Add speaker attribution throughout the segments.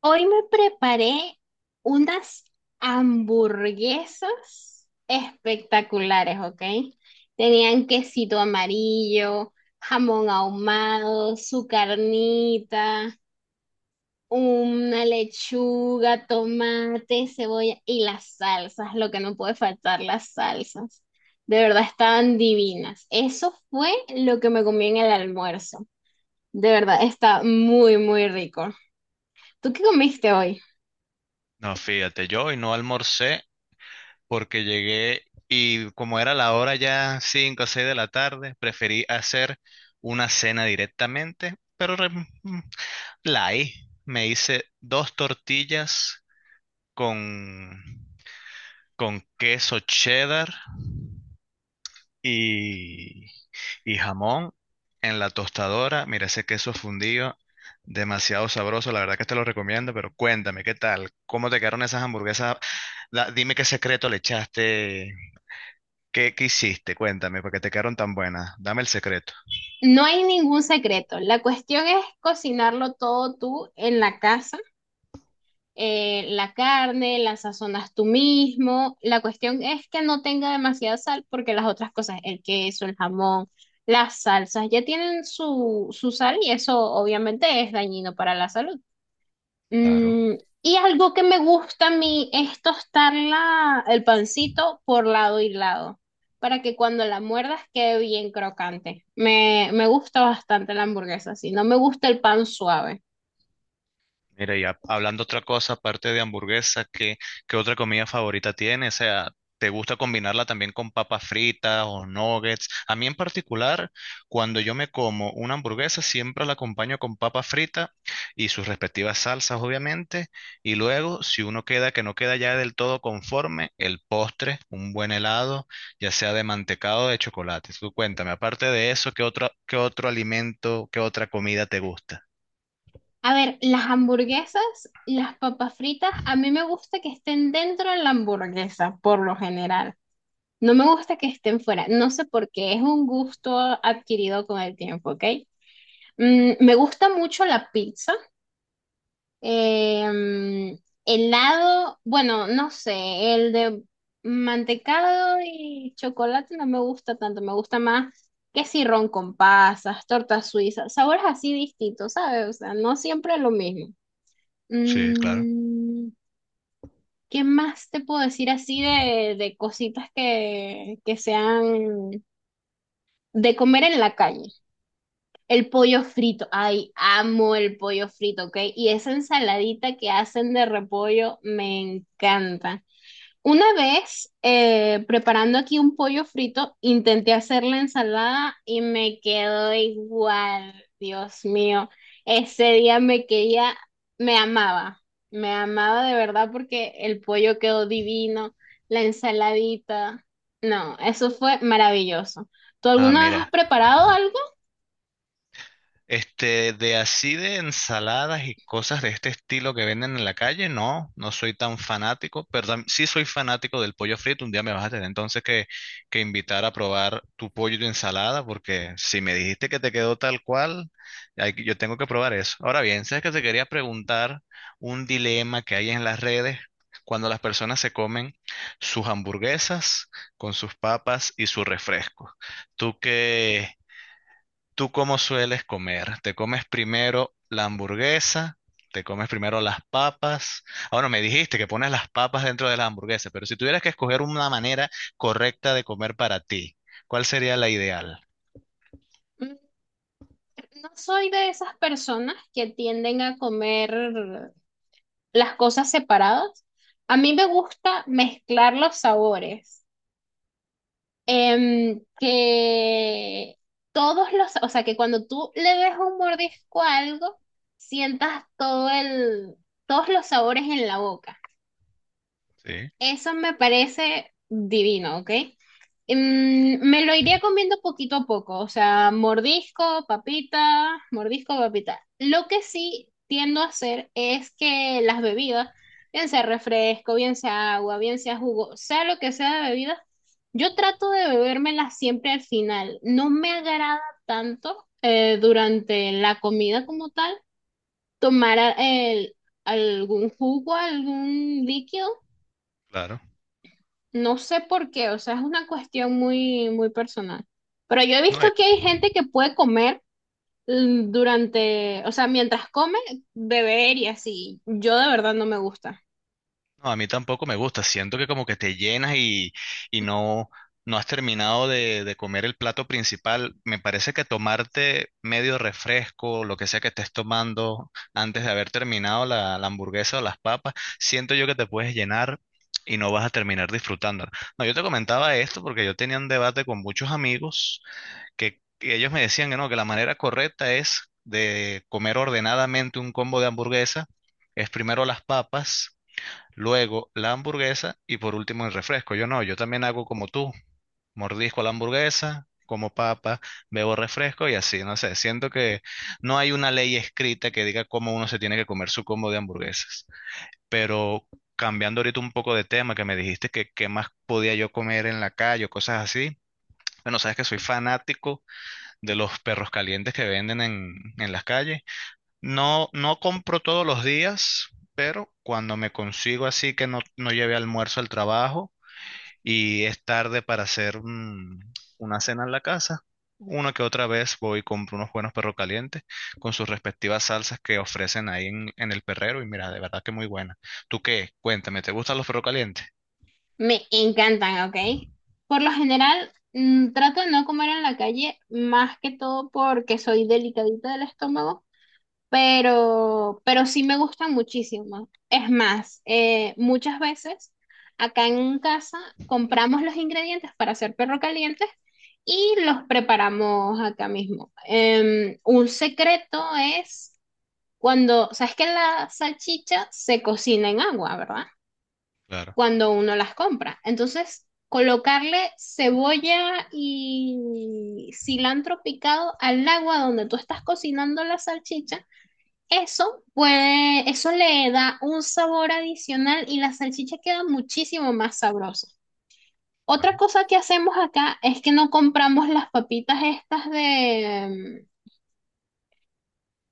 Speaker 1: Hoy me preparé unas hamburguesas espectaculares, ¿ok? Tenían quesito amarillo, jamón ahumado, su carnita, una lechuga, tomate, cebolla y las salsas, lo que no puede faltar, las salsas. De verdad estaban divinas. Eso fue lo que me comí en el almuerzo. De verdad, está muy, muy rico. ¿Tú qué comiste hoy?
Speaker 2: No, fíjate, yo hoy no almorcé porque llegué y como era la hora ya 5 o 6 de la tarde, preferí hacer una cena directamente, pero light. Me hice dos tortillas con, con queso cheddar y, y jamón en la tostadora. Mira ese queso fundido, demasiado sabroso. La verdad que te lo recomiendo, pero cuéntame, ¿qué tal? ¿Cómo te quedaron esas hamburguesas? Dime qué secreto le echaste, qué hiciste, cuéntame, porque te quedaron tan buenas. Dame el secreto.
Speaker 1: No hay ningún secreto. La cuestión es cocinarlo todo tú en la casa. La carne, la sazonas tú mismo. La cuestión es que no tenga demasiada sal porque las otras cosas, el queso, el jamón, las salsas, ya tienen su sal y eso obviamente es dañino para la salud.
Speaker 2: Claro.
Speaker 1: Mm, y algo que me gusta a mí es tostar el pancito por lado y lado, para que cuando la muerdas quede bien crocante. Me gusta bastante la hamburguesa, sí, no me gusta el pan suave.
Speaker 2: Mira, ya hablando otra cosa, aparte de hamburguesa, qué otra comida favorita tienes? O sea, ¿te gusta combinarla también con papas fritas o nuggets? A mí en particular, cuando yo me como una hamburguesa, siempre la acompaño con papas fritas y sus respectivas salsas, obviamente. Y luego, si uno queda que no queda ya del todo conforme, el postre, un buen helado, ya sea de mantecado o de chocolate. Tú cuéntame, aparte de eso, qué otro alimento, qué otra comida te gusta?
Speaker 1: A ver, las hamburguesas, las papas fritas, a mí me gusta que estén dentro de la hamburguesa, por lo general. No me gusta que estén fuera, no sé por qué, es un gusto adquirido con el tiempo, ¿ok? Mm, me gusta mucho la pizza. Em, Helado, bueno, no sé, el de mantecado y chocolate no me gusta tanto, me gusta más que si con pasas, torta suiza sabores así distintos, ¿sabes? O sea, no siempre lo mismo.
Speaker 2: Sí, claro.
Speaker 1: Mm, ¿Qué más te puedo decir así de cositas que sean de comer en la calle? El pollo frito, ay, amo el pollo frito, ¿ok? Y esa ensaladita que hacen de repollo me encanta. Una vez preparando aquí un pollo frito, intenté hacer la ensalada y me quedó igual. Dios mío. Ese día me quería, me amaba, me amaba de verdad porque el pollo quedó divino, la ensaladita. No, eso fue maravilloso. ¿Tú
Speaker 2: Ah,
Speaker 1: alguna vez has
Speaker 2: mira,
Speaker 1: preparado algo?
Speaker 2: de así de ensaladas y cosas de este estilo que venden en la calle, no, no soy tan fanático, pero sí soy fanático del pollo frito. Un día me vas a tener entonces que, invitar a probar tu pollo y tu ensalada, porque si me dijiste que te quedó tal cual, hay yo tengo que probar eso. Ahora bien, sabes que te quería preguntar un dilema que hay en las redes cuando las personas se comen sus hamburguesas con sus papas y su refresco. ¿Tú qué? ¿Tú cómo sueles comer? ¿Te comes primero la hamburguesa? ¿Te comes primero las papas? Ahora me dijiste que pones las papas dentro de las hamburguesas, pero si tuvieras que escoger una manera correcta de comer para ti, ¿cuál sería la ideal?
Speaker 1: No soy de esas personas que tienden a comer las cosas separadas. A mí me gusta mezclar los sabores. Que o sea, que cuando tú le des un mordisco a algo, sientas todos los sabores en la boca.
Speaker 2: Sí,
Speaker 1: Eso me parece divino, ¿ok? Mm, me lo iría comiendo poquito a poco, o sea, mordisco, papita, mordisco, papita. Lo que sí tiendo a hacer es que las bebidas, bien sea refresco, bien sea agua, bien sea jugo, sea lo que sea de bebida, yo trato de bebérmelas siempre al final. No me agrada tanto durante la comida como tal tomar algún jugo, algún líquido,
Speaker 2: claro.
Speaker 1: no sé por qué, o sea, es una cuestión muy, muy personal. Pero yo he
Speaker 2: No,
Speaker 1: visto que hay gente que puede comer durante, o sea, mientras come, beber y así. Yo de verdad no me gusta.
Speaker 2: no, a mí tampoco me gusta. Siento que como que te llenas y, no, no has terminado de, comer el plato principal. Me parece que tomarte medio refresco, lo que sea que estés tomando antes de haber terminado la, hamburguesa o las papas, siento yo que te puedes llenar y no vas a terminar disfrutándola. No, yo te comentaba esto porque yo tenía un debate con muchos amigos que, ellos me decían que no, que la manera correcta es de comer ordenadamente un combo de hamburguesa, es primero las papas luego la hamburguesa y por último el refresco. Yo no, yo también hago como tú, mordisco la hamburguesa, como papa, bebo refresco y así, no sé, siento que no hay una ley escrita que diga cómo uno se tiene que comer su combo de hamburguesas, pero... Cambiando ahorita un poco de tema, que me dijiste que qué más podía yo comer en la calle o cosas así. Bueno, sabes que soy fanático de los perros calientes que venden en, las calles. No, no compro todos los días, pero cuando me consigo así que no, no lleve almuerzo al trabajo y es tarde para hacer una cena en la casa, una que otra vez voy y compro unos buenos perros calientes con sus respectivas salsas que ofrecen ahí en, el perrero y mira, de verdad que muy buena. ¿Tú qué? Cuéntame, ¿te gustan los perros calientes?
Speaker 1: Me encantan, ¿ok? Por lo general, mm, trato de no comer en la calle, más que todo porque soy delicadita del estómago, pero sí me gustan muchísimo. Es más, muchas veces acá en casa compramos los ingredientes para hacer perro caliente y los preparamos acá mismo. Un secreto es cuando, sabes que la salchicha se cocina en agua, ¿verdad?
Speaker 2: Claro,
Speaker 1: Cuando uno las compra. Entonces, colocarle cebolla y cilantro picado al agua donde tú estás cocinando la salchicha, eso puede, eso le da un sabor adicional y la salchicha queda muchísimo más sabrosa. Otra
Speaker 2: claro,
Speaker 1: cosa que hacemos acá es que no compramos las papitas estas de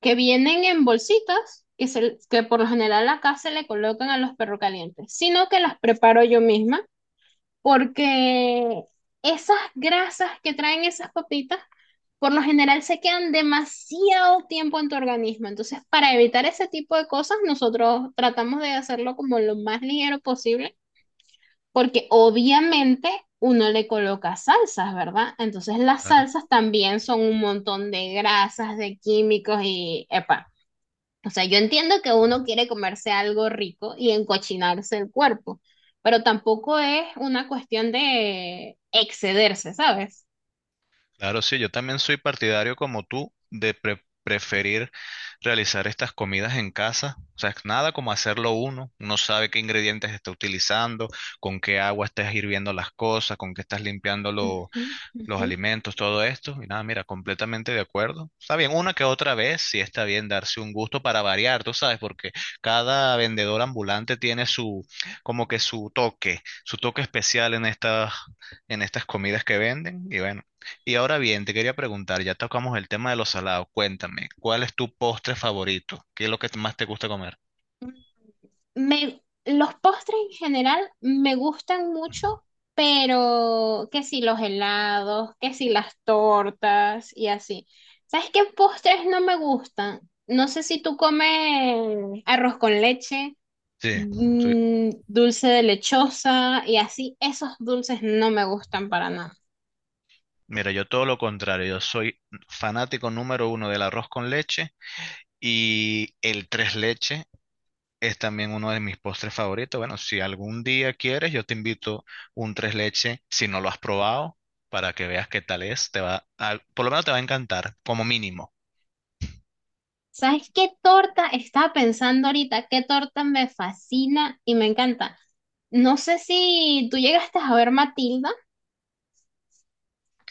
Speaker 1: que vienen en bolsitas, que por lo general acá se le colocan a los perros calientes, sino que las preparo yo misma. Porque esas grasas que traen esas papitas, por lo general se quedan demasiado tiempo en tu organismo. Entonces, para evitar ese tipo de cosas, nosotros tratamos de hacerlo como lo más ligero posible, porque obviamente uno le coloca salsas, ¿verdad? Entonces, las
Speaker 2: claro.
Speaker 1: salsas también son un montón de grasas, de químicos y, epa. O sea, yo entiendo que uno quiere comerse algo rico y encochinarse el cuerpo, pero tampoco es una cuestión de excederse, ¿sabes?
Speaker 2: Claro, sí, yo también soy partidario como tú de preferir realizar estas comidas en casa. O sea, es nada como hacerlo uno. Uno sabe qué ingredientes está utilizando, con qué agua estás hirviendo las cosas, con qué estás limpiando
Speaker 1: Ujú,
Speaker 2: los
Speaker 1: ujú.
Speaker 2: alimentos, todo esto. Y nada, mira, completamente de acuerdo. Está bien, una que otra vez, sí está bien darse un gusto para variar, tú sabes, porque cada vendedor ambulante tiene su, como que su toque especial en estas, comidas que venden. Y bueno, y ahora bien, te quería preguntar, ya tocamos el tema de los salados. Cuéntame, ¿cuál es tu postre favorito? ¿Qué es lo que más te gusta comer?
Speaker 1: Me, los postres en general me gustan mucho, pero que si los helados, que si las tortas y así. ¿Sabes qué postres no me gustan? No sé si tú comes arroz con leche,
Speaker 2: Sí, soy,
Speaker 1: dulce de lechosa y así, esos dulces no me gustan para nada.
Speaker 2: mira, yo todo lo contrario, yo soy fanático número uno del arroz con leche y el tres leche. Es también uno de mis postres favoritos. Bueno, si algún día quieres, yo te invito un tres leche, si no lo has probado, para que veas qué tal es. Te va por lo menos te va a encantar, como mínimo.
Speaker 1: ¿Sabes qué torta? Estaba pensando ahorita, qué torta me fascina y me encanta. No sé si tú llegaste a ver Matilda.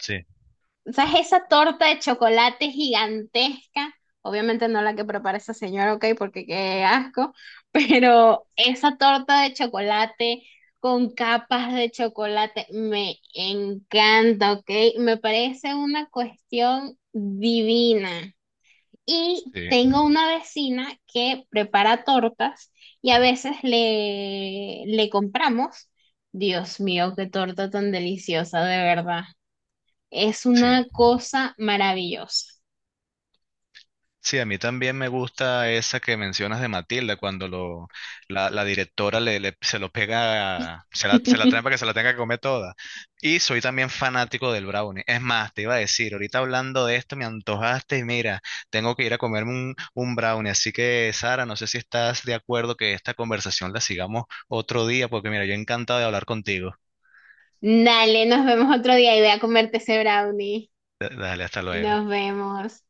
Speaker 2: Sí,
Speaker 1: ¿Sabes? Esa torta de chocolate gigantesca, obviamente no la que prepara esa señora, ok, porque qué asco, pero esa torta de chocolate con capas de chocolate me encanta, ok, me parece una cuestión divina. Y
Speaker 2: sí,
Speaker 1: tengo una vecina que prepara tortas y a veces le compramos. Dios mío, qué torta tan deliciosa, de verdad. Es
Speaker 2: sí.
Speaker 1: una cosa maravillosa.
Speaker 2: Sí, a mí también me gusta esa que mencionas de Matilda, cuando la directora se lo pega, se la trae para que se la tenga que comer toda. Y soy también fanático del brownie. Es más, te iba a decir, ahorita hablando de esto me antojaste y mira, tengo que ir a comerme un brownie. Así que, Sara, no sé si estás de acuerdo que esta conversación la sigamos otro día, porque mira, yo encantado de hablar contigo.
Speaker 1: Dale, nos vemos otro día y voy a comerte ese brownie.
Speaker 2: Dale, hasta luego.
Speaker 1: Nos vemos.